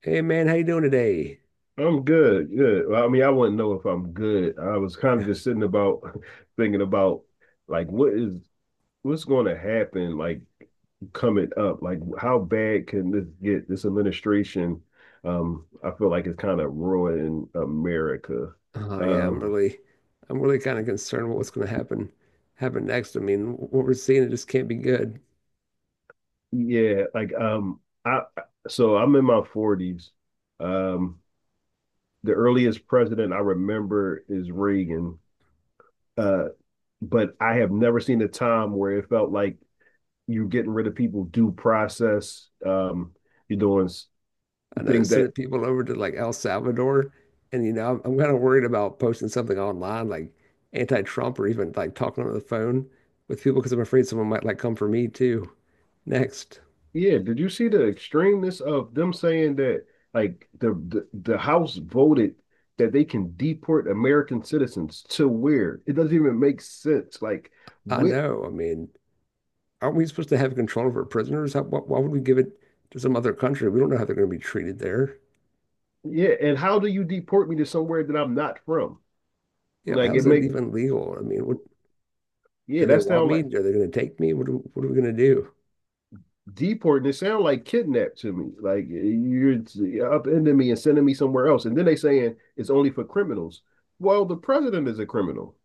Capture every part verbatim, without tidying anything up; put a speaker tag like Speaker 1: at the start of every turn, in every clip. Speaker 1: Hey man, how you doing today?
Speaker 2: I'm good, good. Well, I mean, I wouldn't know if I'm good. I was kind of just sitting about thinking about like what is what's going to happen, like coming up. Like how bad can this get? This administration, um, I feel like it's kind of ruining America.
Speaker 1: Oh yeah, I'm
Speaker 2: Um,
Speaker 1: really, I'm really kind of concerned what what's going to happen, happen next. I mean, what we're seeing it just can't be good.
Speaker 2: yeah, like um, I so I'm in my forties. Um, the earliest president I remember is Reagan. Uh, but I have never seen a time where it felt like you're getting rid of people due process. Um, you're doing
Speaker 1: I know they're
Speaker 2: things
Speaker 1: sending
Speaker 2: that
Speaker 1: people over to like El Salvador, and you know, I'm, I'm kind of worried about posting something online like anti-Trump or even like talking on the phone with people because I'm afraid someone might like come for me too. Next,
Speaker 2: yeah. Did you see the extremeness of them saying that like the the, the House voted that they can deport American citizens to where it doesn't even make sense. Like
Speaker 1: I
Speaker 2: what?
Speaker 1: know. I mean, aren't we supposed to have control of our prisoners? How, why, why would we give it to some other country? We don't know how they're going to be treated there.
Speaker 2: Yeah, and how do you deport me to somewhere that I'm not from?
Speaker 1: Yeah,
Speaker 2: Like
Speaker 1: how's
Speaker 2: it
Speaker 1: that
Speaker 2: make
Speaker 1: even legal? I mean, what?
Speaker 2: yeah.
Speaker 1: Do they
Speaker 2: That
Speaker 1: want
Speaker 2: sound
Speaker 1: me?
Speaker 2: like
Speaker 1: Are they going to take me? What are, what are we going to do?
Speaker 2: deporting, it sounds like kidnapped to me. Like you're upending me and sending me somewhere else. And then they saying it's only for criminals. Well, the president is a criminal.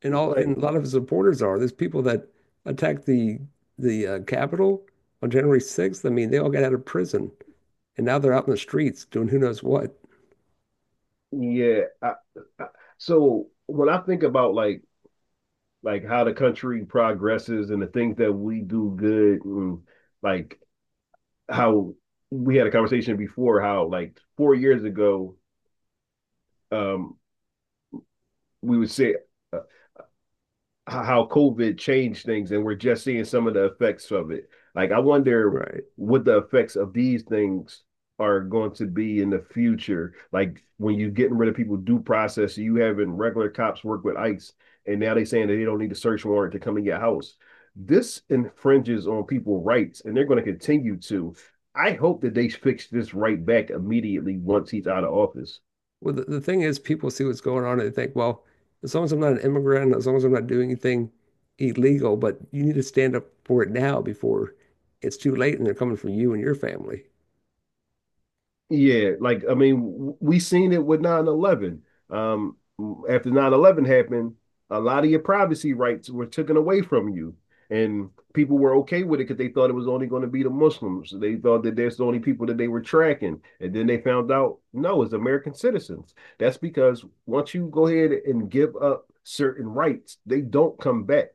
Speaker 1: And all
Speaker 2: Like,
Speaker 1: and a lot of his supporters are. There's people that attacked the the uh, Capitol on January sixth. I mean, they all got out of prison and now they're out in the streets doing who knows what.
Speaker 2: yeah. I, I, so when I think about like like how the country progresses and the things that we do good and like how we had a conversation before how like four years ago um we would say uh, how COVID changed things, and we're just seeing some of the effects of it. Like, I wonder
Speaker 1: Right.
Speaker 2: what the effects of these things are going to be in the future. Like, when you're getting rid of people due process, you having regular cops work with ICE, and now they're saying that they don't need a search warrant to come in your house. This infringes on people's rights, and they're going to continue to. I hope that they fix this right back immediately once he's out of office.
Speaker 1: Well, the, the thing is, people see what's going on and they think, well, as long as I'm not an immigrant, as long as I'm not doing anything illegal, but you need to stand up for it now before it's too late and they're coming for you and your family.
Speaker 2: Yeah, like I mean, we seen it with nine eleven. Um, after nine eleven happened, a lot of your privacy rights were taken away from you, and people were okay with it because they thought it was only going to be the Muslims. They thought that that's the only people that they were tracking, and then they found out no, it's American citizens. That's because once you go ahead and give up certain rights, they don't come back.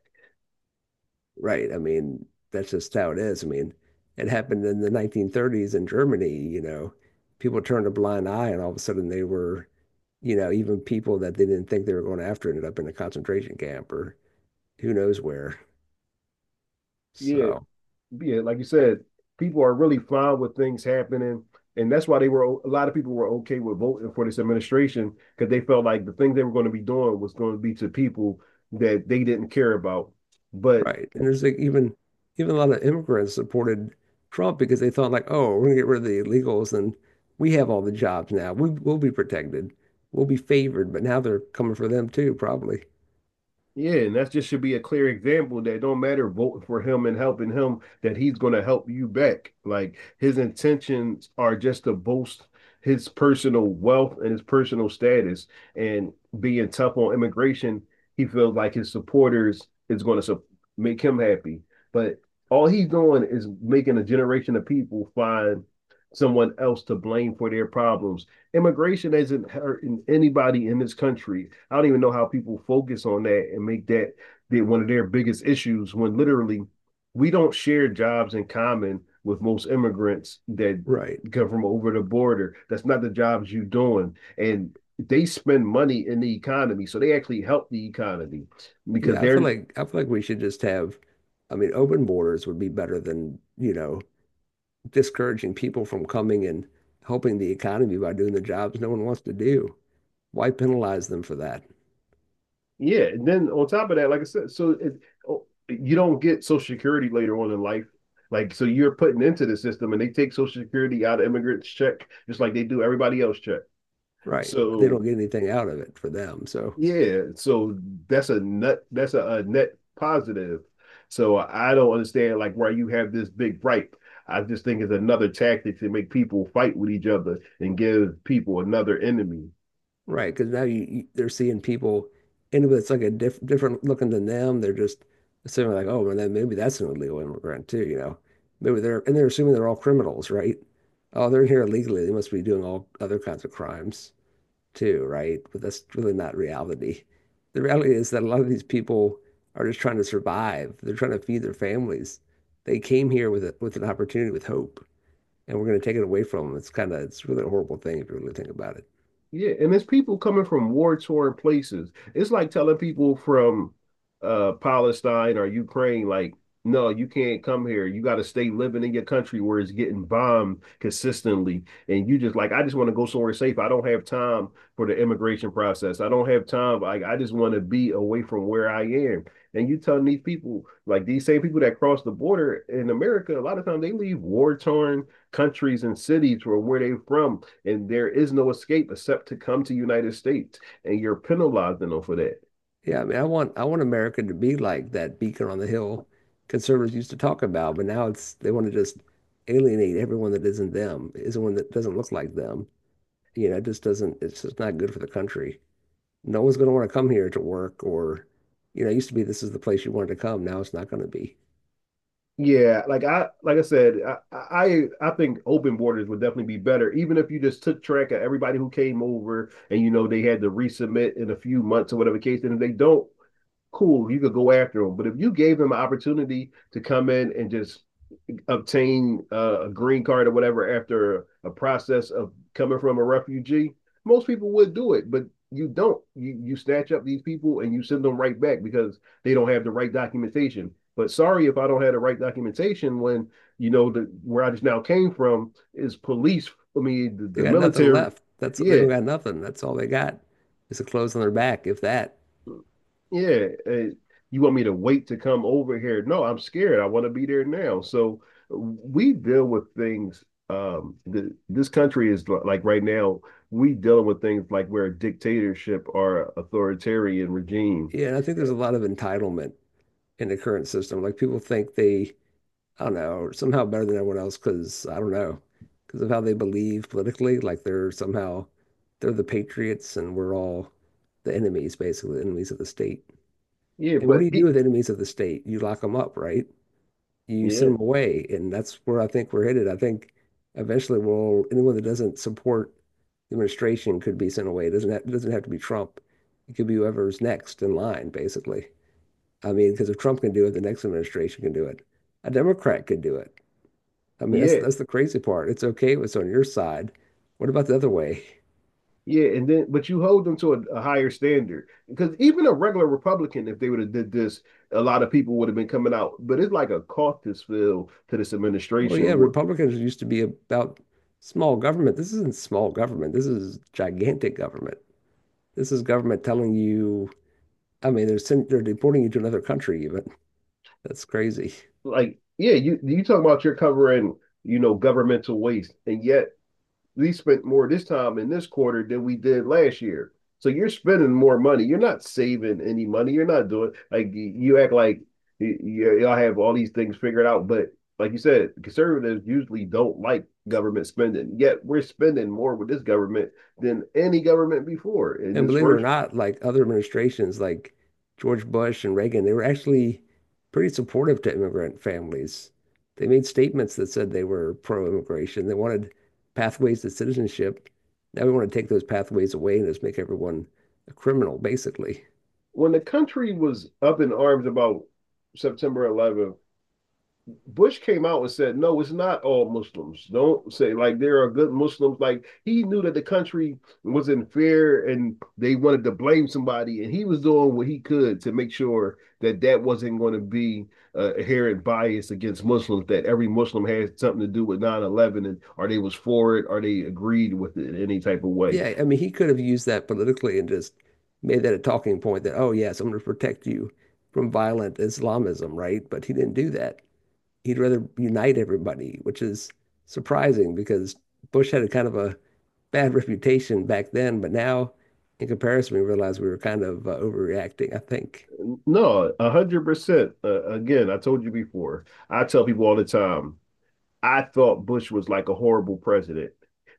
Speaker 1: Right. I mean, that's just how it is. I mean, it happened in the nineteen thirties in Germany, you know, people turned a blind eye and all of a sudden they were, you know, even people that they didn't think they were going after ended up in a concentration camp or who knows where.
Speaker 2: Yeah,
Speaker 1: So,
Speaker 2: yeah, like you said, people are really fine with things happening, and that's why they were a lot of people were okay with voting for this administration because they felt like the thing they were going to be doing was going to be to people that they didn't care about. But
Speaker 1: right. And there's like even even a lot of immigrants supported Trump because they thought like, oh, we're gonna get rid of the illegals and we have all the jobs now. We we'll be protected. We'll be favored, but now they're coming for them too, probably.
Speaker 2: yeah, and that just should be a clear example that don't matter voting for him and helping him, that he's going to help you back. Like his intentions are just to boast his personal wealth and his personal status. And being tough on immigration, he feels like his supporters is going to su- make him happy. But all he's doing is making a generation of people find someone else to blame for their problems. Immigration isn't hurting anybody in this country. I don't even know how people focus on that and make that the, one of their biggest issues when literally we don't share jobs in common with most immigrants that
Speaker 1: Right.
Speaker 2: come from over the border. That's not the jobs you're doing. And they spend money in the economy. So they actually help the economy because
Speaker 1: Yeah, I feel
Speaker 2: they're,
Speaker 1: like I feel like we should just have, I mean, open borders would be better than, you know, discouraging people from coming and helping the economy by doing the jobs no one wants to do. Why penalize them for that?
Speaker 2: yeah. And then on top of that, like I said, so it, oh, you don't get Social Security later on in life. Like, so you're putting into the system and they take Social Security out of immigrants' check, just like they do everybody else check.
Speaker 1: Right. But they
Speaker 2: So
Speaker 1: don't get anything out of it for them. So,
Speaker 2: yeah, so that's a net that's a, a net positive. So I don't understand like why you have this big gripe. I just think it's another tactic to make people fight with each other and give people another enemy.
Speaker 1: right, because now you, you they're seeing people and if it's like a diff, different looking than them. They're just assuming like, oh, well, then maybe that's an illegal immigrant too, you know. Maybe they're and they're assuming they're all criminals, right? Oh, they're here illegally. They must be doing all other kinds of crimes. Too, right? But that's really not reality. The reality is that a lot of these people are just trying to survive. They're trying to feed their families. They came here with a, with an opportunity, with hope, and we're going to take it away from them. It's kind of it's really a horrible thing if you really think about it.
Speaker 2: Yeah, and it's people coming from war-torn places. It's like telling people from uh Palestine or Ukraine, like, no, you can't come here. You got to stay living in your country where it's getting bombed consistently. And you just like, I just want to go somewhere safe. I don't have time for the immigration process. I don't have time. Like, I just want to be away from where I am. And you telling these people, like these same people that cross the border in America, a lot of times they leave war-torn countries and cities where where they're from and there is no escape except to come to United States, and you're penalizing them for that.
Speaker 1: Yeah, I mean, I want I want America to be like that beacon on the hill conservatives used to talk about, but now it's they want to just alienate everyone that isn't them, isn't one that doesn't look like them. You know, it just doesn't. It's just not good for the country. No one's going to want to come here to work or, you know, it used to be this is the place you wanted to come. Now it's not going to be.
Speaker 2: Yeah, like I like I said, I I I think open borders would definitely be better, even if you just took track of everybody who came over and you know they had to resubmit in a few months or whatever case, and if they don't, cool, you could go after him. But if you gave him an opportunity to come in and just obtain uh, a green card or whatever after a process of coming from a refugee, most people would do it. But you don't. You you snatch up these people and you send them right back because they don't have the right documentation. But sorry if I don't have the right documentation when you know the where I just now came from is police. I mean
Speaker 1: They
Speaker 2: the, the
Speaker 1: got nothing
Speaker 2: military.
Speaker 1: left. That's they don't
Speaker 2: Yeah,
Speaker 1: got nothing. That's all they got is the clothes on their back, if that.
Speaker 2: yeah, eh, you want me to wait to come over here? No, I'm scared. I want to be there now. So we deal with things. Um, the, this country is li- like right now, we dealing with things like we're a dictatorship or authoritarian regime.
Speaker 1: Yeah, and I think there's a lot of entitlement in the current system. Like people think they, I don't know, are somehow better than everyone else because I don't know, because of how they believe politically. Like they're somehow they're the patriots and we're all the enemies, basically, the enemies of the state.
Speaker 2: Yeah,
Speaker 1: And what do
Speaker 2: but
Speaker 1: you do
Speaker 2: it,
Speaker 1: with enemies of the state? You lock them up, right? You
Speaker 2: yeah,
Speaker 1: send them away. And that's where I think we're headed. I think eventually we'll anyone that doesn't support the administration could be sent away. It doesn't have, it doesn't have to be Trump. It could be whoever's next in line, basically. I mean, because if Trump can do it, the next administration can do it. A Democrat could do it. I mean, that's
Speaker 2: yeah,
Speaker 1: that's the crazy part. It's okay if it's on your side. What about the other way?
Speaker 2: yeah. And then, but you hold them to a, a higher standard because even a regular Republican, if they would have did this, a lot of people would have been coming out. But it's like a caucus feel to this
Speaker 1: Well, yeah,
Speaker 2: administration.
Speaker 1: Republicans used to be about small government. This isn't small government. This is gigantic government. This is government telling you I mean, they're they're deporting you to another country even. That's crazy.
Speaker 2: Like yeah, you you talk about you're covering you know governmental waste, and yet we spent more this time in this quarter than we did last year. So you're spending more money. You're not saving any money. You're not doing like you act like y- y'all have all these things figured out, but like you said, conservatives usually don't like government spending. Yet we're spending more with this government than any government before. In
Speaker 1: And
Speaker 2: this
Speaker 1: believe it or
Speaker 2: first,
Speaker 1: not, like other administrations, like George Bush and Reagan, they were actually pretty supportive to immigrant families. They made statements that said they were pro-immigration. They wanted pathways to citizenship. Now we want to take those pathways away and just make everyone a criminal, basically.
Speaker 2: when the country was up in arms about September eleventh, Bush came out and said, no, it's not all Muslims. Don't say like there are good Muslims. Like he knew that the country was in fear and they wanted to blame somebody. And he was doing what he could to make sure that that wasn't going to be uh, inherent bias against Muslims, that every Muslim had something to do with nine eleven, and or they was for it or they agreed with it in any type of way.
Speaker 1: Yeah, I mean, he could have used that politically and just made that a talking point that, oh, yes, I'm going to protect you from violent Islamism, right? But he didn't do that. He'd rather unite everybody, which is surprising because Bush had a kind of a bad reputation back then, but now in comparison, we realized we were kind of uh, overreacting, I think,
Speaker 2: No, one hundred percent. Uh, again, I told you before, I tell people all the time, I thought Bush was like a horrible president.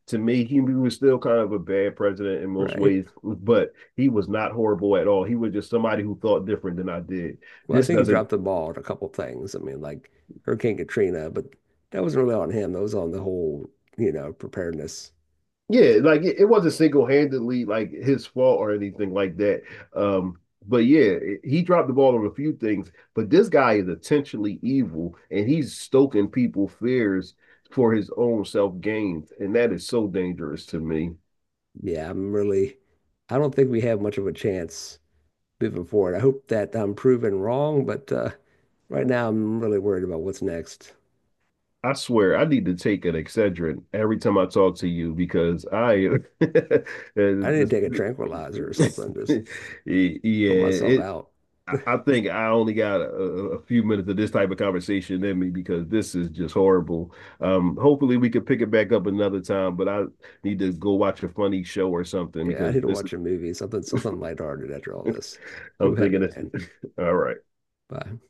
Speaker 2: To me, he, was still kind of a bad president in most
Speaker 1: right?
Speaker 2: ways, but he was not horrible at all. He was just somebody who thought different than I did.
Speaker 1: Well, I
Speaker 2: This
Speaker 1: think he
Speaker 2: doesn't,
Speaker 1: dropped the ball on a couple things. I mean, like Hurricane Katrina, but that wasn't really on him. That was on the whole, you know, preparedness. That's-
Speaker 2: yeah, like it, it wasn't single handedly like his fault or anything like that. Um, but yeah, it, he dropped the ball on a few things. But this guy is intentionally evil, and he's stoking people fears for his own self gains, and that is so dangerous to me.
Speaker 1: Yeah, I'm really, I don't think we have much of a chance. Moving forward. I hope that I'm proven wrong, but uh, right now I'm really worried about what's next.
Speaker 2: I swear I need to take an Excedrin every time I talk to you because I
Speaker 1: I need
Speaker 2: this,
Speaker 1: to take a tranquilizer or something, just
Speaker 2: yeah
Speaker 1: put myself
Speaker 2: it
Speaker 1: out.
Speaker 2: I I think I only got a, a few minutes of this type of conversation in me because this is just horrible. Um, hopefully we can pick it back up another time, but I need to go watch a funny show or something
Speaker 1: Yeah, I
Speaker 2: because
Speaker 1: need to
Speaker 2: this is,
Speaker 1: watch a movie, something something lighthearted after all this. Too
Speaker 2: I'm
Speaker 1: heavy,
Speaker 2: thinking this
Speaker 1: man.
Speaker 2: is all right.
Speaker 1: Bye.